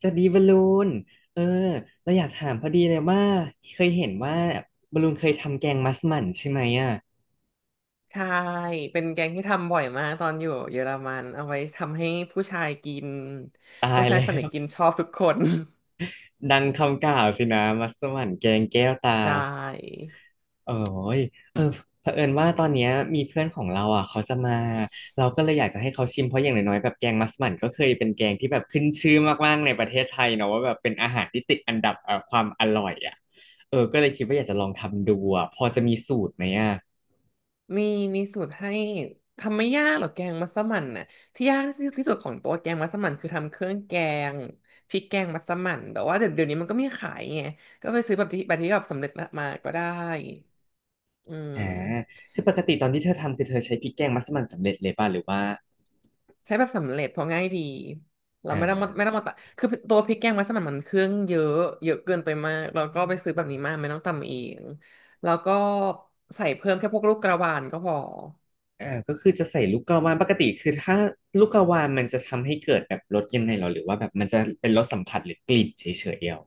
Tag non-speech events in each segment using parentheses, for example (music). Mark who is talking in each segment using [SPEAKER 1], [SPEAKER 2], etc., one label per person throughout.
[SPEAKER 1] สวัสดีบอลลูนเออเราอยากถามพอดีเลยว่าเคยเห็นว่าบอลลูนเคยทำแกงมัสมั่นใช่ไหมอ่ะ
[SPEAKER 2] ใช่ เป็นแกงที่ทำบ่อยมากตอนอยู่เยอรมันเอาไว้ทำให้ผู้ชายกิน
[SPEAKER 1] ตา
[SPEAKER 2] ผู้
[SPEAKER 1] ย
[SPEAKER 2] ชาย
[SPEAKER 1] แล้
[SPEAKER 2] คนไหน
[SPEAKER 1] ว
[SPEAKER 2] กินชอบทุกคน
[SPEAKER 1] ดังคำกล่าวสินะมัสมั่นแกงแก้ว
[SPEAKER 2] (laughs)
[SPEAKER 1] ตา
[SPEAKER 2] ใช่
[SPEAKER 1] โอ้ยเออเผอิญว่าตอนเนี้ยมีเพื่อนของเราอ่ะเขาจะมาเราก็เลยอยากจะให้เขาชิมเพราะอย่างน้อยๆแบบแกงมัสมั่นก็เคยเป็นแกงที่แบบขึ้นชื่อมากๆในประเทศไทยเนาะว่าแบบเป็นอาหารที่ติดอันดับความอร่อยอ่ะก็เลยคิดว่าอยากจะลองทำดูอ่ะพอจะมีสูตรไหมอ่ะ
[SPEAKER 2] มีมีสูตรให้ทำไม่ยากหรอกแกงมัสมั่นน่ะที่ยากที่สุดของตัวแกงมัสมั่นคือทำเครื่องแกงพริกแกงมัสมั่นแต่ว่าเดี๋ยวนี้มันก็มีขายไงก็ไปซื้อแบบสำเร็จมาก็ได้อื
[SPEAKER 1] อ่า
[SPEAKER 2] ม
[SPEAKER 1] คือปกติตอนที่เธอทำคือเธอใช้พริกแกงมัสมั่นสำเร็จเลยป่ะหรือว่า
[SPEAKER 2] ใช้แบบสำเร็จเพราะง่ายดีเรา
[SPEAKER 1] อ่
[SPEAKER 2] ไม่ต้องมาไม่
[SPEAKER 1] า
[SPEAKER 2] ต้องมาตะคือตัวพริกแกงมัสมั่นมันเครื่องเยอะเยอะเกินไปมากเราก็ไปซื้อแบบนี้มาไม่ต้องตำเองแล้วก็ใส่เพิ่มแค่พวกลูกกระวานก็พอ
[SPEAKER 1] อ่าก็คือจะใส่ลูกกระวานปกติคือถ้าลูกกระวานมันจะทำให้เกิดแบบรสยังไงหรอหรือว่าแบบมันจะเป็นรสสัมผัสหรือกลิ่นเฉยๆเดียว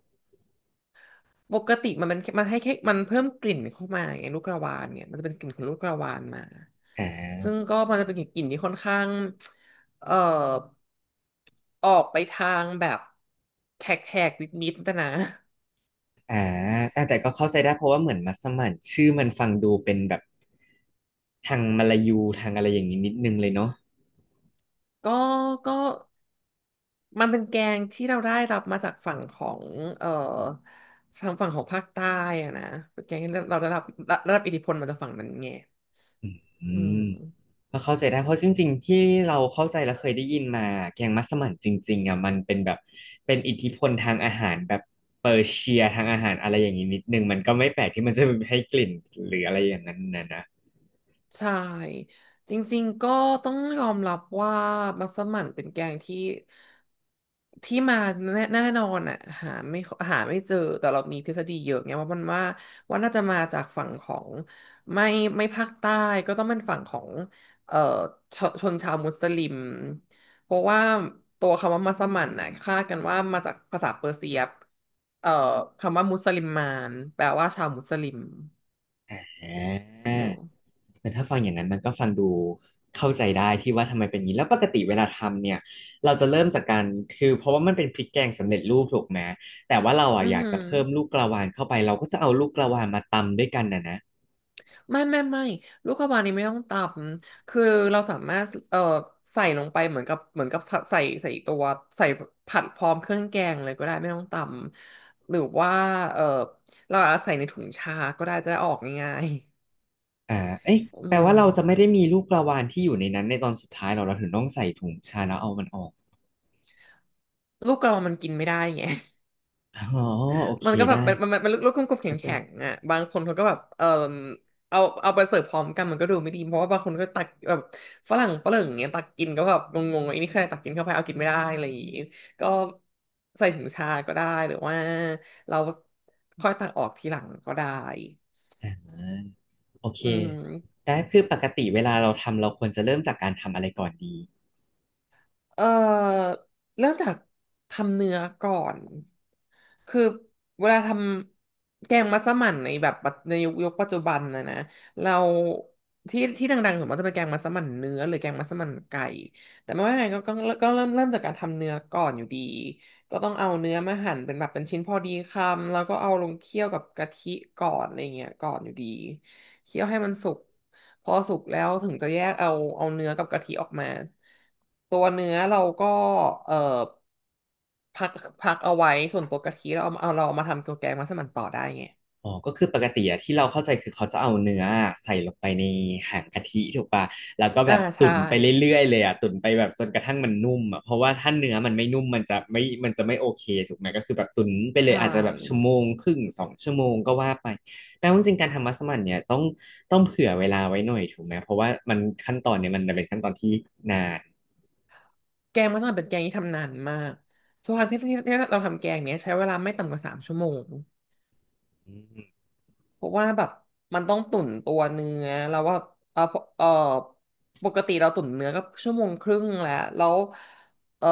[SPEAKER 2] ปกติมันเป็นมันให้แค่มันเพิ่มกลิ่นเข้ามาไงลูกกระวานเนี่ยมันจะเป็นกลิ่นของลูกกระวานมา
[SPEAKER 1] อ่
[SPEAKER 2] ซึ่ง
[SPEAKER 1] า
[SPEAKER 2] ก็มันจะเป็นกลิ่นที่ค่อนข้างเอ่อออกไปทางแบบแขกๆนิดๆแต่นะ
[SPEAKER 1] อ่าแต่ก็เข้าใจได้เพราะว่าเหมือนมัสมั่นชื่อมันฟังดูเป็นแบบทางมลายูทางอะไรอย่างนี้นิดนึงเลยเนาะ
[SPEAKER 2] ก็ก็ มันเป็นแกงที่เราได้รับมาจากฝั่งของเอ่อทางฝั่งของภาคใต้อะนะเป็นแกงที่เราได้รับอิทธิพลมาจากฝั่งนั้นไง
[SPEAKER 1] อื
[SPEAKER 2] อื
[SPEAKER 1] ม
[SPEAKER 2] ม
[SPEAKER 1] ก็เข้าใจได้เพราะจริงๆที่เราเข้าใจและเคยได้ยินมาแกงมัสมั่นจริงๆอ่ะมันเป็นแบบเป็นอิทธิพลทางอาหารแบบเปอร์เซียทางอาหารอะไรอย่างนี้นิดนึงมันก็ไม่แปลกที่มันจะให้กลิ่นหรืออะไรอย่างนั้นนะ
[SPEAKER 2] ใช่จริงๆก็ต้องยอมรับว่ามัสมั่นเป็นแกงที่ ที่มาแน่นอนอ่ะหาไม่หาไม่เจอแต่เรามีทฤษฎีเยอะไงว่ามันว่าน่าจะมาจากฝั่งของไม่ไม่ภาคใต้ก็ต้องเป็นฝั่งของเอ่อชนชาวมุสลิมเพราะว่าตัวคำว่ามัสมั่นน่ะคาดกันว่ามาจากภาษาเปอร์เซียเอ่อคำว่ามุสลิมมานแปลว่าชาวมุสลิม
[SPEAKER 1] อ่า
[SPEAKER 2] เนอะ
[SPEAKER 1] แต่ถ้าฟังอย่างนั้นมันก็ฟังดูเข้าใจได้ที่ว่าทำไมเป็นอย่างนี้แล้วปกติเวลาทำเนี่ยเราจะเริ่มจากการคือเพราะว่ามันเป็นพริกแกงสำเร็จรูปถูกไหมแต่ว่าเราอ่ะ
[SPEAKER 2] อือ
[SPEAKER 1] อยาก
[SPEAKER 2] หื
[SPEAKER 1] จะ
[SPEAKER 2] อ
[SPEAKER 1] เพิ่มลูกกระวานเข้าไปเราก็จะเอาลูกกระวานมาตำด้วยกันนะ
[SPEAKER 2] ไม่ไม่ไม่ลูกกระวานนี้ไม่ต้องตำคือเราสามารถใส่ลงไปเหมือนกับใส่ตัวใส่ผัดพร้อมเครื่องแกงเลยก็ได้ไม่ต้องตำหรือว่าเอ่อเราอาจจะใส่ในถุงชาก็ได้จะได้ออกง่าย
[SPEAKER 1] อ่าเอ๊ะ
[SPEAKER 2] ๆอื
[SPEAKER 1] แปล
[SPEAKER 2] ม
[SPEAKER 1] ว่าเราจะไม่ได้มีลูกกระวานที่อยู่ในนั้นในตอนสุดท้ายเราถึงต้องใส่ถุงชาแล้วเอามันออก
[SPEAKER 2] ลูกกระวานมันกินไม่ได้ไง
[SPEAKER 1] อ๋อ โอเค
[SPEAKER 2] มันก็แบ
[SPEAKER 1] ได้
[SPEAKER 2] บมันลูกกลมๆแข
[SPEAKER 1] อาจาร
[SPEAKER 2] ็
[SPEAKER 1] ย์
[SPEAKER 2] งๆอ่ะบางคนเขาก็แบบเออเอาไปเสิร์ฟพร้อมกันมันก็ดูไม่ดีเพราะว่าบางคนก็ตักแบบฝรั่งฝรั่งอย่างเงี้ยตักกินก็แบบงงๆไอ้นี่ใครตักกินเข้าไปเอากินไม่ได้อะไรอย่างงี้ก็ใส่ถุงชาก็ได้หรือว่าเราค่อยตักออกทีหลังก็ได้
[SPEAKER 1] โอเค
[SPEAKER 2] อืม
[SPEAKER 1] ได้คือปกติเวลาเราทำเราควรจะเริ่มจากการทำอะไรก่อนดี
[SPEAKER 2] เอ่อเริ่มจากทำเนื้อก่อนคือเวลาทำแกงมัสมั่นในยุคปัจจุบันนะเราที่ที่ดังๆส่วนมากจะเป็นแกงมัสมั่นเนื้อหรือแกงมัสมั่นไก่แต่ไม่ว่าไงก็เริ่มจากการทำเนื้อก่อนอยู่ดีก็ต้องเอาเนื้อมาหั่นเป็นแบบเป็นชิ้นพอดีคำแล้วก็เอาลงเคี่ยวกับกะทิก่อนอะไรเงี้ยก่อนอยู่ดี เคี่ยวให้มันสุกพอสุกแล้วถึงจะแยกเอาเนื้อกับกะทิออกมาตัวเนื้อเราก็เอ่อพักพักเอาไว้ส่วนตัวกะทิเราเอามาทำตัวแกงมัสมั่นต่อได้ไง
[SPEAKER 1] อ๋อก็คือปกติอะที่เราเข้าใจคือเขาจะเอาเนื้อใส่ลงไปในหางกะทิถูกปะแล้วก็แบ
[SPEAKER 2] อ่า
[SPEAKER 1] บตุ๋
[SPEAKER 2] ใช่
[SPEAKER 1] นไปเรื่อยๆเลยอะตุ๋นไปแบบจนกระทั่งมันนุ่มอะเพราะว่าถ้าเนื้อมันไม่นุ่มมันจะไม่โอเคถูกไหมก็คือแบบตุ๋นไปเลย
[SPEAKER 2] ใช่
[SPEAKER 1] อาจจะแบบชั่วโมงครึ่งสองชั่วโมงก็ว่าไปแปลว่าจริงๆการทำมัสมั่นเนี่ยต้องเผื่อเวลาไว้หน่อยถูกไหมเพราะว่ามันขั้นตอนเนี่ยมันเป็นขั้นตอนที่นาน
[SPEAKER 2] แกงมัสมั่นเป็นแกงที่ทำนานมากทุกครั้งที่ที่เราทำแกงเนี้ยใช้เวลาไม่ต่ำกว่าสามชั่วโมง
[SPEAKER 1] อืม
[SPEAKER 2] เพราะว่าแบบมันต้องตุ๋นตัวเนื้อแล้วว่าเออเออปกติเราตุ๋นเนื้อก็ชั่วโมงครึ่งแล้วเออ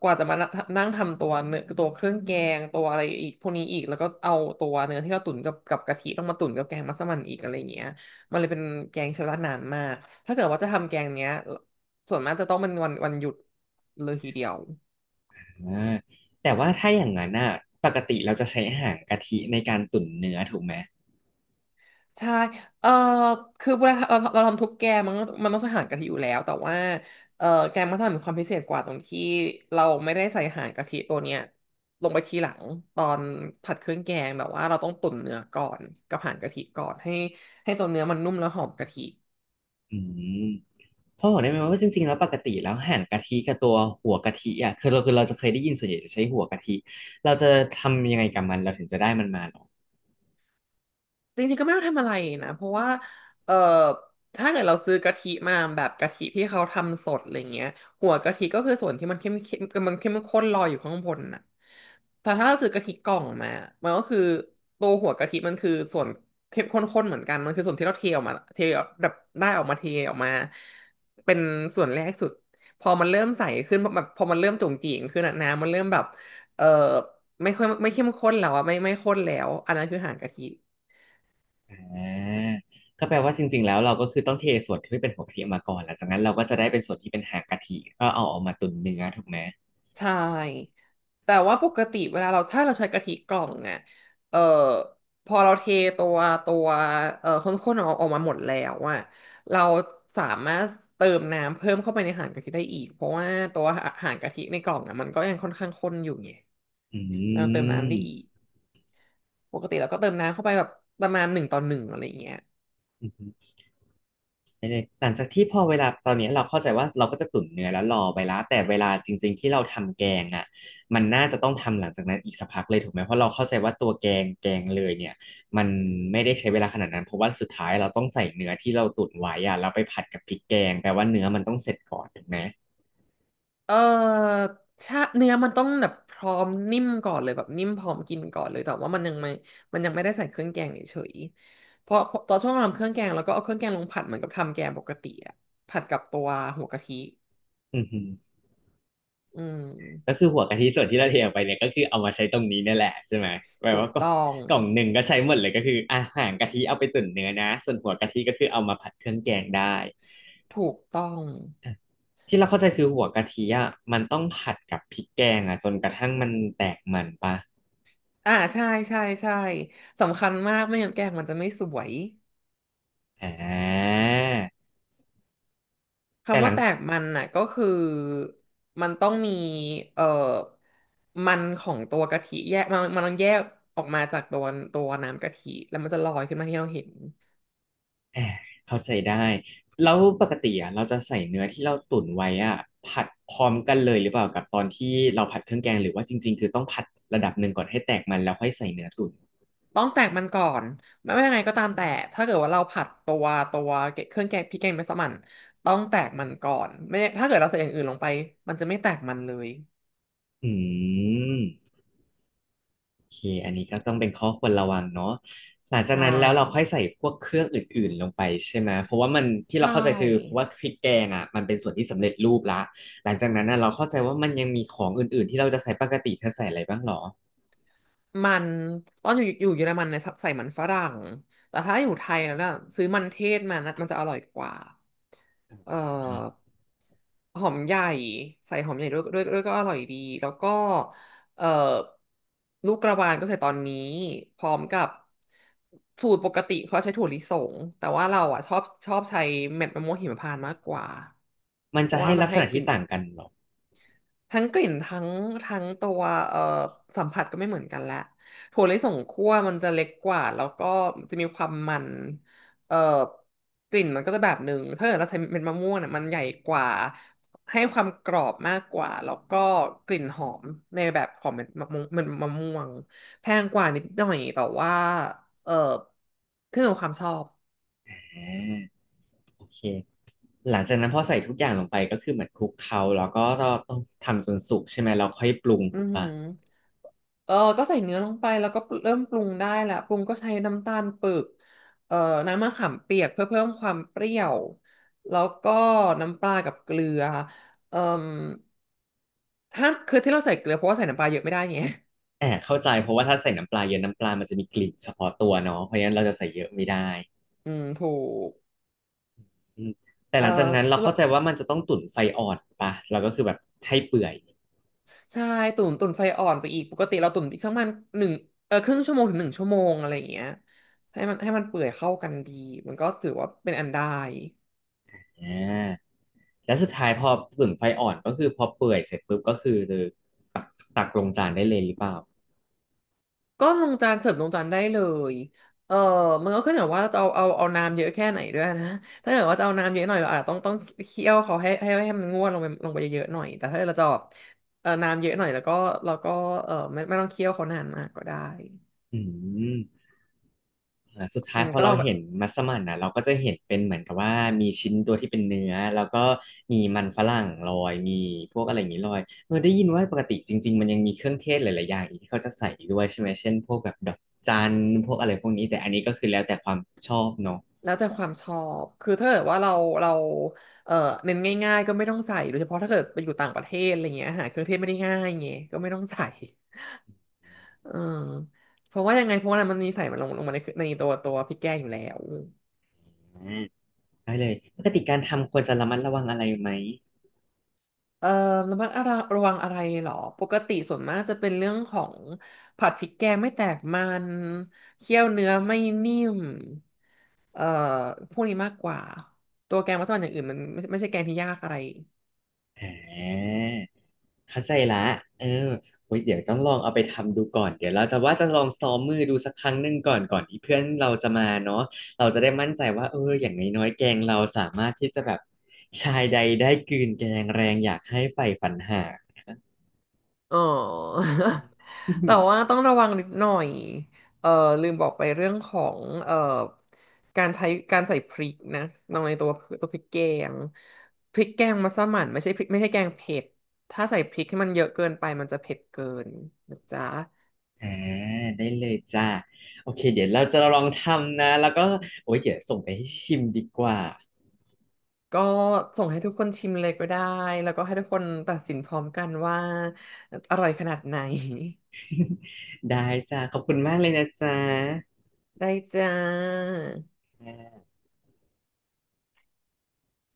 [SPEAKER 2] กว่าจะมานั่งทำตัวเนื้อตัวเครื่องแกงตัวอะไรอีกพวกนี้อีกแล้วก็เอาตัวเนื้อที่เราตุ๋นกับกะทิต้องมาตุ๋นกับแกงมัสมั่นอีกอะไรอย่างเงี้ยมันเลยเป็นแกงใช้เวลานานมากถ้าเกิดว่าจะทำแกงเนี้ยส่วนมากจะต้องเป็นวันหยุดเลยทีเดียว
[SPEAKER 1] อ่าแต่ว่าถ้าอย่างนั้นอะปกติเราจะใช้หางกะทิในการตุ๋นเนื้อถูกไหม
[SPEAKER 2] ใช่เออคือเวลาเราทำทุกแกงมันต้องใส่หางกะทิอยู่แล้วแต่ว่าเออแกงมัสมั่นมีความพิเศษกว่าตรงที่เราไม่ได้ใส่หางกะทิตัวเนี้ยลงไปทีหลังตอนผัดเครื่องแกงแบบว่าเราต้องตุ๋นเนื้อก่อนกับหางกะทิก่อนให้ตัวเนื้อมันนุ่มแล้วหอมกะทิ
[SPEAKER 1] อืมพ่อบอกได้ไหมว่าจริงๆแล้วปกติแล้วหั่นกะทิกับตัวหัวกะทิอ่ะคือเราจะเคยได้ยินส่วนใหญ่จะใช้หัวกะทิเราจะทำยังไงกับมันเราถึงจะได้มันมาหรอ
[SPEAKER 2] จริงๆก็ไม่ต้องทำอะไรนะเพราะว่าเอ่อถ้าเกิดเราซื้อกะทิมาแบบกะทิที่เขาทำสดอะไรเงี้ยหัวกะทิก็คือส่วนที่มันเข้มเข้มมันเข้มข้นลอยอยู่ข้างบนน่ะแต่ถ้าเราซื้อกะทิกล่องมามันก็คือตัวหัวกะทิมันคือส่วนเข้มข้นๆเหมือนกันมันคือส่วนที่เราเทออกมาเทออกแบบได้ออกมาเทออกมาเป็นส่วนแรกสุดพอมันเริ่มใสขึ้นแบบพอมันเริ่มจุ๋งจิ๋งขึ้นอะน้ำมันเริ่มแบบเอ่อไม่ค่อยไม่เข้มข้นแล้วอะไม่ข้นแล้วอันนั้นคือหางกะทิ
[SPEAKER 1] อ่าก็แปลว่าจริงๆแล้วเราก็คือต้องเทส่วนที่เป็นหัวกะทิออกมาก่อนหลังจากนั้นเราก็จะได้เป็นส่วนที่เป็นหางกะทิก็เอาออกมาตุนเนื้อถูกไหม
[SPEAKER 2] ใช่ แต่ว่าปกติเวลาเราถ้าเราใช้กะทิกล่องเนี่ยเอ่อพอเราเทตัวตัวข้นๆออกมาหมดแล้วอะเราสามารถเติมน้ำเพิ่มเข้าไปในหางกะทิได้อีกเพราะว่าตัวหางกะทิในกล่องอะมันก็ยังค่อนข้างข้นอยู่ไง
[SPEAKER 1] อื
[SPEAKER 2] เราเติมน้ำ
[SPEAKER 1] ม
[SPEAKER 2] ได้อีกปกติเราก็เติมน้ำเข้าไปแบบประมาณ1:1อะไรอย่างเงี้ย
[SPEAKER 1] ไม่ได้หลังจากที่พอเวลาตอนนี้เราเข้าใจว่าเราก็จะตุ๋นเนื้อแล้วรอไปแลวแต่เวลาจริงๆที่เราทำแกงอ่ะมันน่าจะต้องทำหลังจากนั้นอีกสักพักเลยถูกไหมเพราะเราเข้าใจว่าตัวแกงเลยเนี่ยมันไม่ได้ใช้เวลาขนาดนั้นเพราะว่าสุดท้ายเราต้องใส่เนื้อที่เราตุ๋นไว้อ่ะเราไปผัดกับพริกแกงแปลว่าเนื้อมันต้องเสร็จก่อนถูกไหม
[SPEAKER 2] เออชาเนื้อมันต้องแบบพร้อมนิ่มก่อนเลยแบบนิ่มพร้อมกินก่อนเลยแต่ว่ามันยังไม่ได้ใส่เครื่องแกงเฉยๆเพราะตอนช่วงทำเครื่องแกงแล้วก็เอาเครื่องแกงลงผัดเหมือนกับทำแกงปกติอะผัดกับตัวหัวกะทิ
[SPEAKER 1] อือฮึ
[SPEAKER 2] อืม
[SPEAKER 1] ก็คือหัวกะทิส่วนที่เราเทออกไปเนี่ยก็คือเอามาใช้ตรงนี้นั่นแหละใช่ไหมแปล
[SPEAKER 2] ถูก
[SPEAKER 1] ว่ากล่อง
[SPEAKER 2] ต้อง
[SPEAKER 1] หนึ่งก็ใช้หมดเลยก็คืออาหารกะทิเอาไปตุ๋นเนื้อนะส่วนหัวกะทิก็คือเอามาผัดเครื่องแกงได้
[SPEAKER 2] ถูกต้อง
[SPEAKER 1] ที่เราเข้าใจคือหัวกะทิอ่ะมันต้องผัดกับพริกแกงอ่ะจนกระทั่งมันแตกมันปะ
[SPEAKER 2] อ่าใช่ใช่ใช่สำคัญมากไม่งั้นแกงมันจะไม่สวย
[SPEAKER 1] อ่าแต่
[SPEAKER 2] คำ
[SPEAKER 1] หลั
[SPEAKER 2] ว่า
[SPEAKER 1] ง
[SPEAKER 2] แตกมันน่ะก็คือมันต้องมีเอ่อมันของตัวกะทิแยกมันต้องแยกออกมาจากตัวน้ำกะทิแล้วมันจะลอยขึ้นมาให้เราเห็น
[SPEAKER 1] อ่าเข้าใจได้แล้วปกติอ่ะเราจะใส่เนื้อที่เราตุ๋นไว้อ่ะผัดพร้อมกันเลยหรือเปล่ากับตอนที่เราผัดเครื่องแกงหรือว่าจริงๆคือต้องผัดระดับหนึ่งก่อนให้แตกมันแล้วค่อยใส่เนื้อตุ๋น
[SPEAKER 2] ต้องแตกมันก่อนไม่ว่ายังไงก็ตามแต่ถ้าเกิดว่าเราผัดตัวเครื่องแกงพริกแกงมัสมั่นต้องแตกมันก่อนไม่ถ้าเกิดเราใส่อย่างอื่นลงไปมันจะไม่แตกมันเลย
[SPEAKER 1] อืม โอเคอันนี้ก็ต้องเป็นข้อควรระวังเนาะหลังจาก
[SPEAKER 2] ใช่
[SPEAKER 1] นั้นแล้วเราค่อยใส่พวกเครื่องอื่นๆลงไปใช่ไหมเพราะว่ามันที่เรา
[SPEAKER 2] ใช่
[SPEAKER 1] เข้าใจคือเพราะว่าพริกแกงอ่ะมันเป็นส่วนที่สำเร็จรูปละหลังจากนั้นน่ะเราเข้าใจว่ามันยังมีของอื่นๆที่เราจะใส่ปกติเธอใส่อะไรบ้างหรอ
[SPEAKER 2] มันตอนอยู่เยอรมันเนี่ยใส่มันฝรั่งแต่ถ้าอยู่ไทยแล้วเนี่ยซื้อมันเทศมานะมันจะอร่อยกว่าเอ่อ
[SPEAKER 1] อ่า
[SPEAKER 2] หอมใหญ่ใส่หอมใหญ่ด้วยก็อร่อยดีแล้วก็เอ่อลูกกระวานก็ใส่ตอนนี้พร้อมกับสูตรปกติเขาใช้ถั่วลิสงแต่ว่าเราอ่ะชอบใช้เม็ดมะม่วงหิมพานต์มากกว่า
[SPEAKER 1] มัน
[SPEAKER 2] เพ
[SPEAKER 1] จะ
[SPEAKER 2] ราะว่า
[SPEAKER 1] ให้
[SPEAKER 2] มั
[SPEAKER 1] ลั
[SPEAKER 2] น
[SPEAKER 1] กษ
[SPEAKER 2] ให้
[SPEAKER 1] ณะ
[SPEAKER 2] กลิ่
[SPEAKER 1] ที่
[SPEAKER 2] น
[SPEAKER 1] ต่างกันหรอ
[SPEAKER 2] ทั้งกลิ่นทั้งตัวเอ่อสัมผัสก็ไม่เหมือนกันละถั่วลิสงคั่วมันจะเล็กกว่าแล้วก็จะมีความมันเอ่อกลิ่นมันก็จะแบบหนึ่งถ้าเกิดเราใช้เม็ดมะม่วงเนี่ยมันใหญ่กว่าให้ความกรอบมากกว่าแล้วก็กลิ่นหอมในแบบของเม็ดมะม่วงแพงกว่านิดหน่อยแต่ว่าเอ่อขึ้นอยู่กับความชอบ
[SPEAKER 1] อ่าโอเคหลังจากนั้นพอใส่ทุกอย่างลงไปก็คือเหมือนคลุกเคล้าแล้วก็ต้องทำจนสุกใช่ไหมเราค่อยปรุง
[SPEAKER 2] อื
[SPEAKER 1] ถูก
[SPEAKER 2] อหื
[SPEAKER 1] ปะ
[SPEAKER 2] อเออก็ใส่เนื้อลงไปแล้วก็เริ่มปรุงได้แหละปรุงก็ใช้น้ำตาลปึกเอ่อน้ำมะขามเปียกเพื่อเพิ่มความเปรี้ยวแล้วก็น้ำปลากับเกลือเอ่อถ้าคือที่เราใส่เกลือเพราะว่าใส่น้ำปลาเยอะไม่ได้ไง
[SPEAKER 1] แอบเข้าใจเพราะว่าถ้าใส่น้ำปลาเยอะน้ำปลามันจะมีกลิ่นเฉพาะตัวเนาะเพราะฉะนั้นเราจะใส่เยอะไม่ได้
[SPEAKER 2] (laughs) อืมถูก
[SPEAKER 1] อืมแต่
[SPEAKER 2] เอ่
[SPEAKER 1] หลังจาก
[SPEAKER 2] อ
[SPEAKER 1] นั้นเรา
[SPEAKER 2] สำหรั
[SPEAKER 1] เข้า
[SPEAKER 2] บ
[SPEAKER 1] ใจว่ามันจะต้องตุ๋นไฟอ่อนป่ะเราก็คือแบบให้เปื่อย
[SPEAKER 2] ใช่ตุ๋นไฟอ่อนไปอีกปกติเราตุ๋นอีกสักประมาณหนึ่งเออครึ่งชั่วโมงถึง1 ชั่วโมงอะไรอย่างเงี้ยให้มันเปื่อยเข้ากันดีมันก็ถือว่าเป็นอันได้
[SPEAKER 1] อ่าแล้วสุดท้ายพอตุ๋นไฟอ่อนก็คือพอเปื่อยเสร็จปุ๊บก็คือตักตักลงจานได้เลยหรือเปล่า
[SPEAKER 2] ก็ลงจานเสิร์ฟลงจานได้เลยเออมันก็ขึ้นอยู่ว่าจะเอาน้ำเยอะแค่ไหนด้วยนะถ้าเกิดว่าจะเอาน้ำเยอะหน่อยเราอาจจะต้องเคี่ยวเขาให้มันงวดลงไปเยอะๆหน่อยแต่ถ้าเราจะแบบเออน้ำเยอะหน่อยแล้วก็เราก็เออไม่ต้องเคี่ยวเขานานมากก็ได้
[SPEAKER 1] อืมสุด
[SPEAKER 2] อื
[SPEAKER 1] ท้าย
[SPEAKER 2] ม
[SPEAKER 1] พอ
[SPEAKER 2] ก็ล
[SPEAKER 1] เรา
[SPEAKER 2] องแบบ
[SPEAKER 1] เห็นมัสมั่นนะเราก็จะเห็นเป็นเหมือนกับว่ามีชิ้นตัวที่เป็นเนื้อแล้วก็มีมันฝรั่งลอยมีพวกอะไรอย่างนี้ลอยเออได้ยินว่าปกติจริงๆมันยังมีเครื่องเทศหลายๆอย่างอีกที่เขาจะใส่อีกด้วยใช่ไหมเช่นพวกแบบดอกจันพวกอะไรพวกนี้แต่อันนี้ก็คือแล้วแต่ความชอบเนาะ
[SPEAKER 2] แล้วแต่ความชอบคือถ้าเกิดว่าเราเออเน้นง่ายๆก็ไม่ต้องใส่โดยเฉพาะถ้าเกิดไปอยู่ต่างประเทศอะไรเงี้ยอาหารเครื่องเทศไม่ได้ง่ายไงก็ไม่ต้องใส่ เออเพราะว่ายังไงเพราะว่ามันมีใส่มันลงมาในตัวพริกแกงอยู่แล้ว
[SPEAKER 1] ได้เลยปกติการทำควรจะระมัดระวังอะไรไหม
[SPEAKER 2] เอ่อระมัดระวังอะไรเหรอปกติส่วนมากจะเป็นเรื่องของผัดพริกแกงไม่แตกมันเคี่ยวเนื้อไม่นิ่มเอ่อพวกนี้มากกว่า ตัวแกงมัสมั่นอย่างอื่นมันไม่ใช่แกงที่ยากอะไร
[SPEAKER 1] อ่าเข้าใจละเออโอ้ยเดี๋ยวต้องลองเอาไปทำดูก่อนเดี๋ยวเราจะว่าจะลองซ้อมมือดูสักครั้งหนึ่งก่อนก่อนที่เพื่อนเราจะมาเนาะเราจะได้มั่นใจว่าเอออย่างน้อยๆแกงเราสามารถที่จะแบบชายใดได้กลืนแกงแรงอยากให้ใฝ่ฝันหา (laughs)
[SPEAKER 2] อ๋อ
[SPEAKER 1] อื
[SPEAKER 2] (laughs) แต่ว่า
[SPEAKER 1] ม
[SPEAKER 2] ต้องระวังนิดหน่อย เอ่อลืมบอกไปเรื่องของการใช้การใส่พริกนะลงในตัวตัวพริกแกงพริกแกงมัสมั่นไม่ใช่พริกไม่ใช่แกงเผ็ด ถ้าใส่พริกให้มันเยอะเกินไปมันจะเผ็ดเกินนะจ๊ะ
[SPEAKER 1] อ่าได้เลยจ้าโอเคเดี๋ยวเราจะลองทำนะแล้วก็โอ้ยเดี๋ยวส่งไปให้ชิมดีกว่า
[SPEAKER 2] ก็ส่งให้ทุกคนชิมเลยก็ได้ แล้วก็ให้ทุกคนตัดสินพร้อมกันว่าอร่อยขนาดไหน
[SPEAKER 1] ได้จ้าขอบคุณมากเลยนะจ๊ะ
[SPEAKER 2] (laughs) ได้จ้า
[SPEAKER 1] แหม